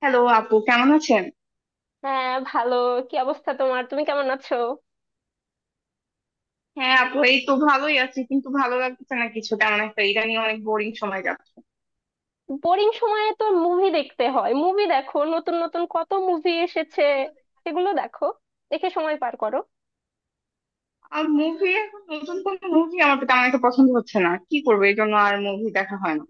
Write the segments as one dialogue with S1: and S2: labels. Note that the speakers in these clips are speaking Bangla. S1: হ্যালো আপু, কেমন আছেন?
S2: হ্যাঁ, ভালো। কি অবস্থা তোমার? তুমি কেমন আছো?
S1: হ্যাঁ আপু, এই তো ভালোই আছি, কিন্তু ভালো লাগছে না কিছু তেমন একটা। ইদানিং অনেক বোরিং সময় যাচ্ছে।
S2: বোরিং সময়ে তো মুভি দেখতে হয়। মুভি দেখো, নতুন নতুন কত মুভি এসেছে, সেগুলো দেখো, দেখে সময় পার করো।
S1: আর মুভি এখন নতুন কোন মুভি আমার তো তেমন একটা পছন্দ হচ্ছে না, কি করবো, এই জন্য আর মুভি দেখা হয় না।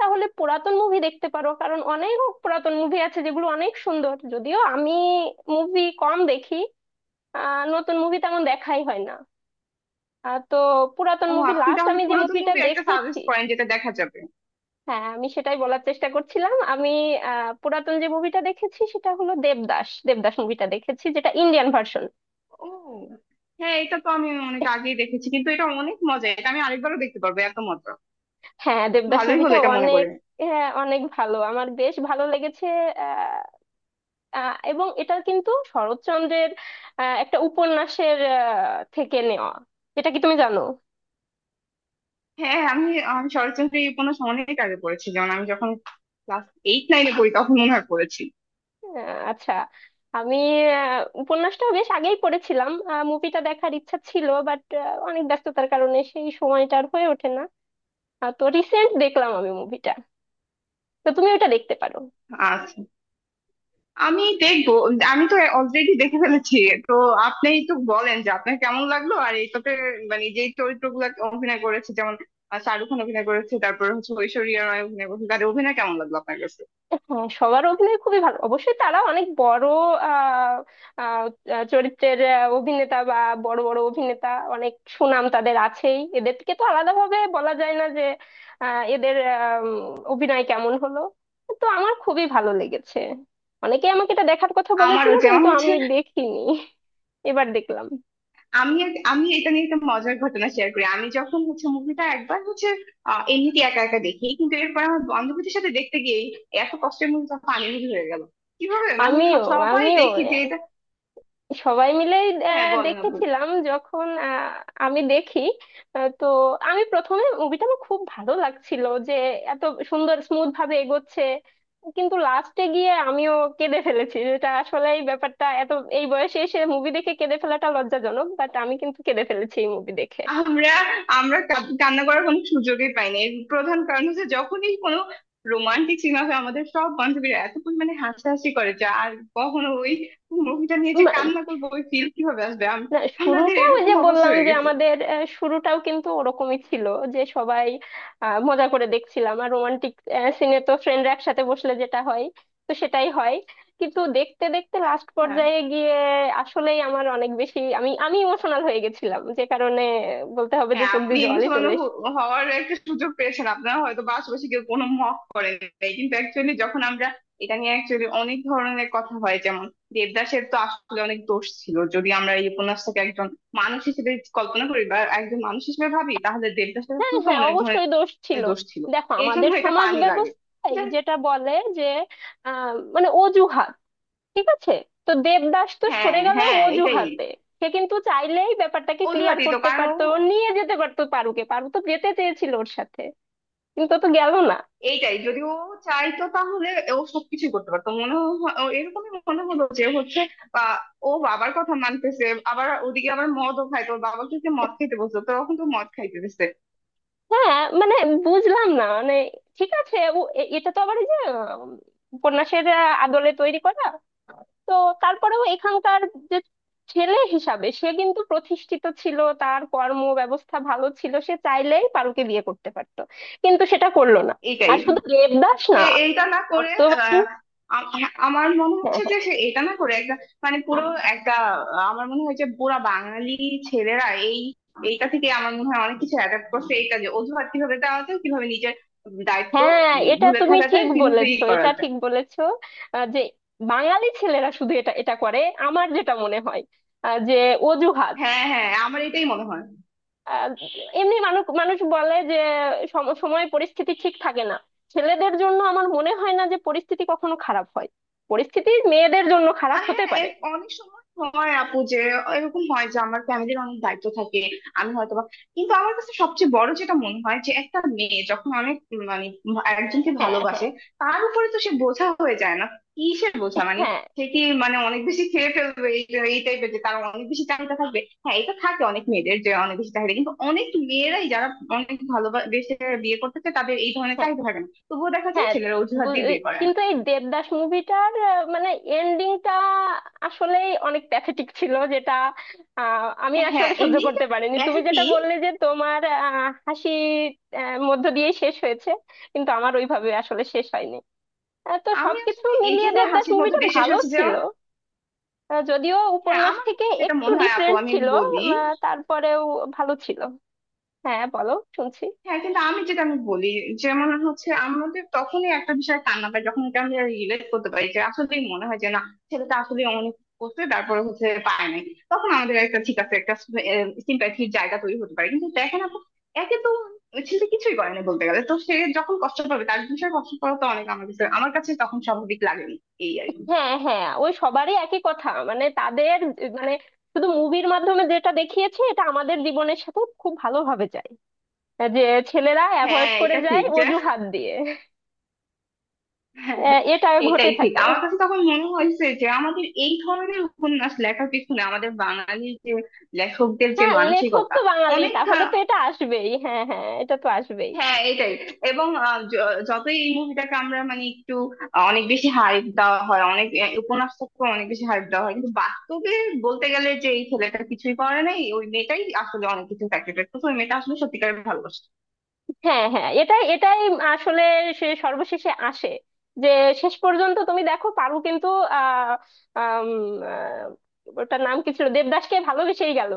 S2: তাহলে পুরাতন মুভি দেখতে পারো, কারণ অনেক পুরাতন মুভি আছে যেগুলো অনেক সুন্দর। যদিও আমি মুভি কম দেখি। নতুন মুভি তেমন দেখাই হয় না। তো পুরাতন
S1: ও,
S2: মুভি,
S1: আপনি
S2: লাস্ট
S1: তাহলে
S2: আমি যে
S1: পুরাতন
S2: মুভিটা
S1: মুভি একটা
S2: দেখেছি,
S1: সাজেস্ট করেন যেটা দেখা যাবে।
S2: হ্যাঁ আমি সেটাই বলার চেষ্টা করছিলাম। পুরাতন যে মুভিটা দেখেছি সেটা হলো দেবদাস। দেবদাস মুভিটা দেখেছি, যেটা ইন্ডিয়ান ভার্সন।
S1: ও, হ্যাঁ, এটা তো আমি অনেক আগেই দেখেছি, কিন্তু এটা অনেক মজা, এটা আমি আরেকবারও দেখতে পারবো, এত মজা।
S2: হ্যাঁ দেবদাস
S1: ভালোই হলো
S2: মুভিটা
S1: এটা মনে
S2: অনেক,
S1: করে।
S2: হ্যাঁ অনেক ভালো, আমার বেশ ভালো লেগেছে। আহ, আহ, এবং এটা কিন্তু শরৎচন্দ্রের একটা উপন্যাসের থেকে নেওয়া। এটা কি তুমি জানো?
S1: হ্যাঁ, আমি আমি শরৎচন্দ্রের এই উপন্যাস অনেক আগে পড়েছি, যেমন আমি যখন ক্লাস এইট নাইনে পড়ি তখন মনে হয় পড়েছি।
S2: আচ্ছা। আমি উপন্যাসটা বেশ আগেই পড়েছিলাম, মুভিটা দেখার ইচ্ছা ছিল বাট অনেক ব্যস্ততার কারণে সেই সময়টা আর হয়ে ওঠে না। তো রিসেন্ট দেখলাম আমি মুভিটা, তো তুমি ওটা দেখতে পারো।
S1: আচ্ছা। আমি দেখবো। আমি তো অলরেডি দেখে ফেলেছি। তো আপনি তো বলেন যে আপনার কেমন লাগলো আর এটাতে, মানে যে চরিত্রগুলো অভিনয় করেছে, যেমন শাহরুখ খান অভিনয় করেছে, তারপর হচ্ছে ঐশ্বরিয়া রায় অভিনয় করেছে, তাদের অভিনয় কেমন লাগলো আপনার কাছে?
S2: হ্যাঁ সবার অভিনয় খুবই ভালো, অবশ্যই তারা অনেক বড় আহ আহ, আহ, চরিত্রের অভিনেতা, বা বড় বড় অভিনেতা। অনেক সুনাম তাদের আছেই, এদেরকে তো আলাদাভাবে বলা যায় না যে এদের অভিনয় কেমন হলো। তো আমার খুবই ভালো লেগেছে। অনেকে আমাকে এটা দেখার কথা বলেছিল
S1: আমারও যেমন
S2: কিন্তু
S1: হচ্ছে,
S2: আমি দেখিনি, এবার দেখলাম।
S1: আমি এটা নিয়ে একটা মজার ঘটনা শেয়ার করি। আমি যখন হচ্ছে মুভিটা একবার হচ্ছে এমনিতে একা একা দেখি, কিন্তু এরপর আমার বান্ধবীদের সাথে দেখতে গিয়ে এত কষ্টের মুভিটা ফানি মুভি হয়ে গেল। কিভাবে মানে
S2: আমিও,
S1: সবাই
S2: আমিও
S1: দেখি যে এটা,
S2: সবাই মিলেই
S1: হ্যাঁ বলেন আপু।
S2: দেখেছিলাম যখন আমি দেখি। তো আমি প্রথমে মুভিটা আমার খুব ভালো লাগছিল, যে এত সুন্দর স্মুথ ভাবে এগোচ্ছে। কিন্তু লাস্টে গিয়ে আমিও কেঁদে ফেলেছি, যেটা আসলে এই ব্যাপারটা এত, এই বয়সে এসে মুভি দেখে কেঁদে ফেলাটা লজ্জাজনক, বাট আমি কিন্তু কেঁদে ফেলেছি এই মুভি দেখে।
S1: আমরা আমরা কা- কান্না করার কোনো সুযোগই পাই না, এর প্রধান কারণ হচ্ছে যখনই কোনো রোমান্টিক সিন হবে আমাদের সব বান্ধবীরা এত পরিমাণে হাসাহাসি করে যা আর কখনো ওই মুভিটা নিয়ে যে কান্না করবো ওই ফিল কিভাবে আসবে,
S2: না,
S1: আমাদের
S2: শুরুটা ওই
S1: এরকম
S2: যে
S1: অবস্থা
S2: বললাম
S1: হয়ে
S2: যে
S1: গেছে।
S2: আমাদের শুরুটাও কিন্তু ওরকমই ছিল, যে সবাই মজা করে দেখছিলাম। আর রোমান্টিক সিনে তো ফ্রেন্ডরা একসাথে বসলে যেটা হয়, তো সেটাই হয়। কিন্তু দেখতে দেখতে লাস্ট
S1: হ্যাঁ,
S2: পর্যায়ে গিয়ে আসলেই আমার অনেক বেশি, আমি আমি ইমোশনাল হয়ে গেছিলাম, যে কারণে বলতে হবে যে
S1: হ্যাঁ,
S2: চোখ
S1: আপনি
S2: দিয়ে
S1: এই
S2: জলই
S1: মুসলমান
S2: চলে
S1: হ-
S2: এসেছে।
S1: হওয়ার একটা সুযোগ পেয়েছেন, আপনারা হয়তো বা আশেপাশে কেউ কোনো মক করেন নাই, কিন্তু অ্যাকচুয়ালি যখন আমরা এটা নিয়ে অ্যাকচুয়ালি অনেক ধরনের কথা হয়, যেমন দেবদাসের তো আসলে অনেক দোষ ছিল, যদি আমরা এই উপন্যাসটাকে একজন মানুষ হিসেবে কল্পনা করি বা একজন মানুষ হিসেবে ভাবি, তাহলে দেবদাসের
S2: হ্যাঁ
S1: আসলে তো
S2: হ্যাঁ
S1: অনেক
S2: অবশ্যই দোষ ছিল।
S1: ধরনের দোষ ছিল।
S2: দেখো
S1: এই
S2: আমাদের
S1: জন্য এটা
S2: সমাজ
S1: পানি লাগে,
S2: ব্যবস্থায়
S1: যে
S2: যেটা বলে যে মানে অজুহাত, ঠিক আছে, তো দেবদাস তো
S1: হ্যাঁ,
S2: সরে গেল
S1: হ্যাঁ, এটাই।
S2: অজুহাতে। সে কিন্তু চাইলেই ব্যাপারটাকে ক্লিয়ার
S1: অজুহাতই তো
S2: করতে
S1: কারণ, ও
S2: পারতো, ও নিয়ে যেতে পারতো পারুকে, পারু তো যেতে চেয়েছিল ওর সাথে, কিন্তু ও তো গেল না।
S1: এইটাই যদি ও চাইতো তাহলে ও সবকিছুই করতে পারতো, মনে ও এরকমই মনে হলো, যে হচ্ছে আহ, ও বাবার কথা মানতেছে, আবার ওদিকে আবার মদও খাইতো, ওর বাবাকে সে মদ খাইতে বলতো তখন তো মদ খাইতে দিচ্ছে।
S2: হ্যাঁ মানে বুঝলাম না মানে, ঠিক আছে, ও এ- এটা তো আবার এই যে উম, উপন্যাসের আদলে তৈরি করা, তো তারপরেও এখানকার যে ছেলে হিসাবে সে কিন্তু প্রতিষ্ঠিত ছিল, তার কর্ম ব্যবস্থা ভালো ছিল, সে চাইলেই পারুকে বিয়ে করতে পারতো, কিন্তু সেটা করলো না।
S1: এইটাই,
S2: আর শুধু দেবদাস
S1: সে
S2: না,
S1: এইটা না করে
S2: বর্তমান।
S1: আহ, হ্যাঁ, আমার মনে হচ্ছে
S2: হ্যাঁ,
S1: যে সে এটা না করে একটা মানে পুরো একটা, আমার মনে হয় যে পুরা বাঙালি ছেলেরা এই এইটা থেকে আমার মনে হয় অনেক কিছু অ্যাডাপ্ট করছে, এইটা যে অজুহাত কিভাবে দেওয়া যায়, কিভাবে নিজের দায়িত্ব
S2: হ্যাঁ এটা
S1: ভুলে
S2: তুমি
S1: থাকা
S2: ঠিক
S1: যায়, কিভাবে ই
S2: বলেছো,
S1: করা
S2: এটা
S1: যায়।
S2: ঠিক বলেছো। যে বাঙালি ছেলেরা শুধু এটা এটা করে, আমার যেটা মনে হয় যে অজুহাত।
S1: হ্যাঁ, হ্যাঁ, আমার এটাই মনে হয়।
S2: আহ, এমনি মানুষ মানুষ বলে যে সম- সময় পরিস্থিতি ঠিক থাকে না, ছেলেদের জন্য আমার মনে হয় না যে পরিস্থিতি কখনো খারাপ হয়, পরিস্থিতি মেয়েদের জন্য খারাপ
S1: আর
S2: হতে
S1: হ্যাঁ
S2: পারে।
S1: এর অনেক সময় হয় আপু, যে এরকম হয় যে আমার ফ্যামিলির অনেক দায়িত্ব থাকে, আমি হয়তো বা, কিন্তু আমার কাছে সবচেয়ে বড় যেটা মনে হয় যে একটা মেয়ে যখন অনেক মানে একজনকে
S2: হ্যাঁ, হ্যাঁ,
S1: ভালোবাসে তার উপরে তো সে বোঝা হয়ে যায় না। কিসের বোঝা মানে,
S2: হ্যাঁ,
S1: সে কি মানে অনেক বেশি খেয়ে ফেলবে? এই এই টাইপের যে তার অনেক বেশি চাহিদা থাকবে। হ্যাঁ এটা থাকে অনেক মেয়েদের, যে অনেক বেশি চাহিদা, কিন্তু অনেক মেয়েরাই যারা অনেক ভালোবেসে বিয়ে করতেছে তাদের এই ধরনের
S2: হ্যাঁ।
S1: চাহিদা থাকে না, তবুও দেখা যায়
S2: হ্যাঁ,
S1: ছেলেরা অজুহাত
S2: বু-
S1: দিয়ে
S2: এই-
S1: বিয়ে করে।
S2: কিন্তু এই দেবদাস মুভিটার মানে এন্ডিংটা আসলেই অনেক প্যাথেটিক ছিল, যেটা আমি
S1: হ্যাঁ,
S2: আসলে সহ্য
S1: এন্ডিংটা
S2: করতে পারিনি। তুমি যেটা
S1: প্যাথেটিক।
S2: বললে যে তোমার হাসি মধ্য দিয়ে শেষ হয়েছে, কিন্তু আমার ওইভাবে আসলে শেষ হয়নি। তো
S1: আমি
S2: সবকিছু
S1: আসলে এই
S2: মিলিয়ে
S1: জন্য
S2: দেবদাস
S1: হাসির মধ্যে
S2: মুভিটা
S1: দিয়ে শেষ
S2: ভালো
S1: হচ্ছে
S2: ছিল,
S1: যেমন,
S2: যদিও
S1: হ্যাঁ
S2: উপন্যাস
S1: আমার
S2: থেকে
S1: কাছে যেটা
S2: একটু
S1: মনে হয় আপু,
S2: ডিফারেন্ট
S1: আমি
S2: ছিল,
S1: বলি,
S2: তারপরেও ভালো ছিল। হ্যাঁ বলো, শুনছি।
S1: হ্যাঁ কিন্তু আমি যেটা আমি বলি, যেমন হচ্ছে আমাদের তখনই একটা বিষয় কান্না পায় যখন এটা আমরা রিলেট করতে পারি, যে আসলেই মনে হয় যে না, ছেলেটা আসলে অনেক করছে তারপরে হচ্ছে পায় নাই, তখন আমাদের একটা ঠিক আছে, একটা সিম্প্যাথির জায়গা তৈরি হতে পারে। কিন্তু দেখেন আপু, একে তো ওই ছেলে কিছুই করে না বলতে গেলে, তো সে যখন কষ্ট পাবে তার বিষয়ে কষ্ট পাওয়া তো অনেক, আমার কাছে তখন স্বাভাবিক লাগে, এই আর কি।
S2: হ্যাঁ হ্যাঁ, ওই সবারই একই কথা মানে তাদের, মানে শুধু মুভির মাধ্যমে যেটা দেখিয়েছে এটা আমাদের জীবনের সাথে খুব ভালোভাবে যায়, যে ছেলেরা অ্যাভয়েড
S1: হ্যাঁ
S2: করে
S1: এটা
S2: যায়
S1: ঠিক, যে
S2: অজুহাত দিয়ে,
S1: হ্যাঁ,
S2: এটা ঘটে
S1: এটাই ঠিক।
S2: থাকে।
S1: আমার কাছে তখন মনে হয়েছে যে আমাদের এই ধরনের উপন্যাস লেখার পিছনে আমাদের বাঙালি যে লেখকদের যে
S2: হ্যাঁ লেখক
S1: মানসিকতা,
S2: তো বাঙালি,
S1: অনেক
S2: তাহলে তো এটা আসবেই, হ্যাঁ হ্যাঁ এটা তো আসবেই।
S1: হ্যাঁ এটাই। এবং যতই এই মুভিটাকে আমরা মানে একটু অনেক বেশি হাইপ দেওয়া হয়, অনেক উপন্যাসটাকে অনেক বেশি হাইপ দেওয়া হয়, কিন্তু বাস্তবে বলতে গেলে যে এই ছেলেটা কিছুই করে নাই, ওই মেয়েটাই আসলে অনেক কিছু ফ্যাক্টরি করতো, ওই মেয়েটা আসলে সত্যিকারের ভালোবাসে।
S2: হ্যাঁ হ্যাঁ এটাই এটাই আসলে, সে সর্বশেষে আসে যে শেষ পর্যন্ত তুমি দেখো পারু কিন্তু আহ আম, ওটার নাম কি ছিল, দেবদাসকে ভালোবেসেই গেল।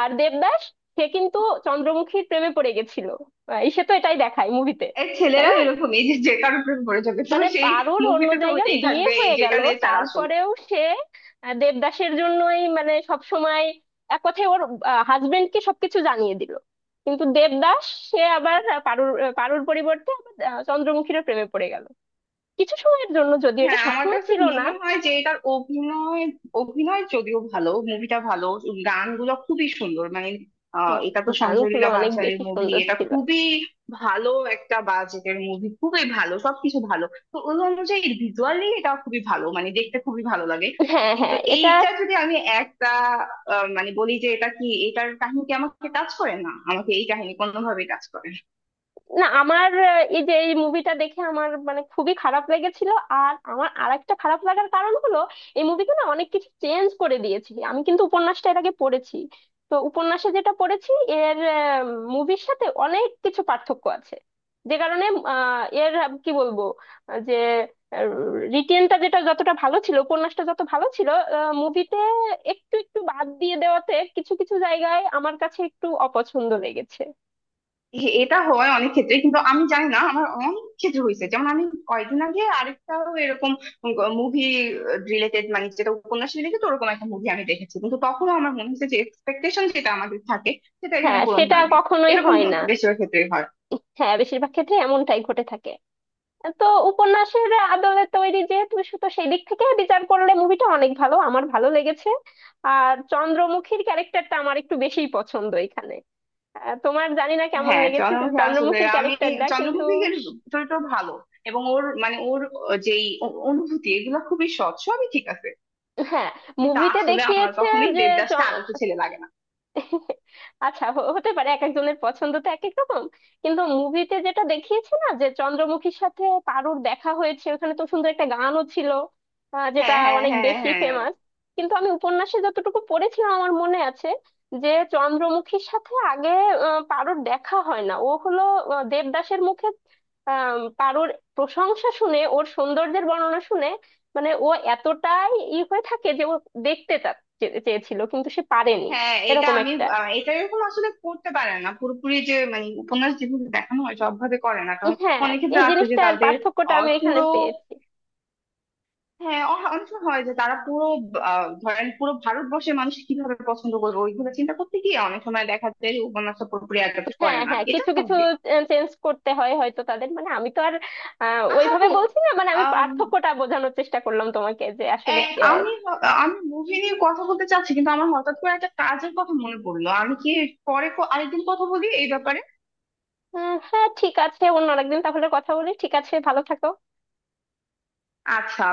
S2: আর দেবদাস, সে কিন্তু চন্দ্রমুখীর প্রেমে পড়ে গেছিল, সে তো এটাই দেখায় মুভিতে,
S1: এই
S2: তাই
S1: ছেলেরা
S2: না?
S1: এরকমই, যে যে কারো প্রেমে পড়ে যাবে তো
S2: মানে
S1: সেই
S2: পারুর অন্য
S1: মুভিতে তো
S2: জায়গায়
S1: ওইটাই
S2: বিয়ে
S1: থাকবে, এই
S2: হয়ে
S1: যেটা
S2: গেল,
S1: নেচার আসল।
S2: তারপরেও সে দেবদাসের জন্যই মানে সব সময়, এক কথায় ওর হাজবেন্ডকে সবকিছু জানিয়ে দিল। কিন্তু দেবদাস সে আবার পারুর পরিবর্তে আবার চন্দ্রমুখীর প্রেমে পড়ে গেল, কিছু সময়ের জন্য, যদিও এটা
S1: হ্যাঁ, আমার
S2: সবসময়
S1: কাছে
S2: ছিল না।
S1: মনে হয় যে এটার অভিনয় অভিনয় যদিও ভালো, মুভিটা ভালো, গানগুলো খুবই সুন্দর, মানে
S2: হ্যাঁ,
S1: এটা তো সঞ্জয়
S2: গানগুলো
S1: লীলা
S2: অনেক
S1: বানশালির
S2: বেশি
S1: মুভি,
S2: সুন্দর
S1: এটা
S2: ছিল।
S1: খুবই ভালো একটা বাজেটের মুভি, খুবই ভালো, সবকিছু ভালো। তো ওই অনুযায়ী ভিজুয়ালি এটা খুবই ভালো, মানে দেখতে খুবই ভালো লাগে।
S2: হ্যাঁ
S1: কিন্তু
S2: হ্যাঁ এটা,
S1: এইটা যদি আমি একটা মানে বলি যে এটা কি, এটার কাহিনী কি, আমাকে টাচ করে না, আমাকে এই কাহিনী কোনোভাবেই টাচ করে না।
S2: না আমার এই যে এই মুভিটা দেখে আমার মানে খুবই খারাপ লেগেছিল, আর আমার আরেকটা খারাপ লাগার কারণ হলো, এই মুভিতে না অনেক কিছু চেঞ্জ করে দিয়েছি আমি, কিন্তু উপন্যাসটা এর আগে পড়েছি, তো উপন্যাসে যেটা পড়েছি এর মুভির সাথে অনেক কিছু পার্থক্য আছে, যে কারণে কি বলবো যে রিটেনটা যেটা যতটা ভালো ছিল, উপন্যাসটা যত ভালো ছিল, মুভিতে একটু একটু বাদ দিয়ে দেওয়াতে কিছু কিছু জায়গায় আমার কাছে একটু অপছন্দ লেগেছে।
S1: এটা হয় অনেক ক্ষেত্রে, কিন্তু আমি জানি না আমার অনেক ক্ষেত্রে হয়েছে, যেমন আমি কয়েকদিন আগে আরেকটাও এরকম মুভি রিলেটেড, মানে যেটা উপন্যাস রিলেটেড ওরকম একটা মুভি আমি দেখেছি, কিন্তু তখনও আমার মনে হচ্ছে যে এক্সপেকটেশন যেটা আমাদের থাকে সেটা এখানে
S2: হ্যাঁ
S1: পূরণ
S2: সেটা
S1: হয় নাই,
S2: কখনোই
S1: এরকম
S2: হয় না।
S1: বেশিরভাগ ক্ষেত্রেই হয়।
S2: হ্যাঁ বেশিরভাগ ক্ষেত্রে এমনটাই ঘটে থাকে। তো উপন্যাসের আদলে তৈরি যেহেতু, তো সেই দিক থেকে বিচার করলে মুভিটা অনেক ভালো, আমার ভালো লেগেছে। আর চন্দ্রমুখীর ক্যারেক্টারটা আমার একটু বেশিই পছন্দ এখানে। তোমার জানি না কেমন
S1: হ্যাঁ
S2: লেগেছে যে
S1: চন্দ্রমুখী, আসলে
S2: চন্দ্রমুখীর
S1: আমি
S2: ক্যারেক্টারটা, কিন্তু
S1: চন্দ্রমুখীর চরিত্র ভালো, এবং ওর মানে ওর যেই অনুভূতি এগুলো খুবই সৎ, সবই ঠিক আছে,
S2: হ্যাঁ
S1: কিন্তু
S2: মুভিতে
S1: আসলে আমার
S2: দেখিয়েছে
S1: কখনোই
S2: যে,
S1: দেবদাসটা আদর্শ ছেলে লাগে না।
S2: আচ্ছা হ- হতে পারে, এক একজনের পছন্দ তো এক এক রকম। কিন্তু মুভিতে যেটা দেখিয়েছে না, যে চন্দ্রমুখীর সাথে পারুর দেখা হয়েছে, ওখানে তো সুন্দর একটা গানও ছিল, যেটা
S1: হ্যাঁ, হ্যাঁ,
S2: অনেক
S1: হ্যাঁ,
S2: বেশি
S1: হ্যাঁ,
S2: ফেমাস। কিন্তু আমি উপন্যাসে যতটুকু পড়েছিলাম, আমার মনে আছে যে চন্দ্রমুখীর সাথে আগে পারুর দেখা হয় না, ও হলো দেবদাসের মুখে আহ পারুর প্রশংসা শুনে, ওর সৌন্দর্যের বর্ণনা শুনে মানে ও এতটাই ই হয়ে থাকে যে ও দেখতে চা- চে- চেয়েছিল, কিন্তু সে পারেনি,
S1: হ্যাঁ এটা
S2: এরকম
S1: আমি
S2: একটা।
S1: এটা এরকম আসলে করতে পারে না পুরোপুরি, যে মানে উপন্যাস যেভাবে দেখানো হয় সবভাবে করে না, কারণ
S2: হ্যাঁ
S1: অনেক ক্ষেত্রে
S2: এই
S1: আছে যে
S2: জিনিসটার
S1: তাদের
S2: পার্থক্যটা আমি এখানে
S1: পুরো,
S2: পেয়েছি।
S1: হ্যাঁ অনেক সময় হয় যে তারা পুরো ধরেন পুরো ভারতবর্ষের মানুষ কিভাবে পছন্দ করবে ওইগুলো চিন্তা করতে গিয়ে অনেক সময় দেখা যায় যে উপন্যাসটা পুরোপুরি অ্যাডাপ্ট
S2: হ্যাঁ
S1: করে না,
S2: হ্যাঁ
S1: এটা
S2: কিছু কিছু
S1: স্বাভাবিক।
S2: চেঞ্জ করতে হয় হয়তো তাদের, মানে আমি তো আর
S1: আচ্ছা
S2: ওইভাবে
S1: আপু,
S2: বলছি না, মানে আমি
S1: আম,
S2: পার্থক্যটা বোঝানোর চেষ্টা করলাম তোমাকে যে আসলে।
S1: এ-
S2: আহ,
S1: আমি মুভি নিয়ে কথা বলতে চাচ্ছি কিন্তু আমার হঠাৎ করে একটা কাজের কথা মনে পড়লো, আমি কি পরে আরেকদিন কথা বলি এই ব্যাপারে?
S2: আহ, হ্যাঁ ঠিক আছে, অন্য আরেকদিন তাহলে কথা বলি, ঠিক আছে, ভালো থাকো।
S1: আচ্ছা।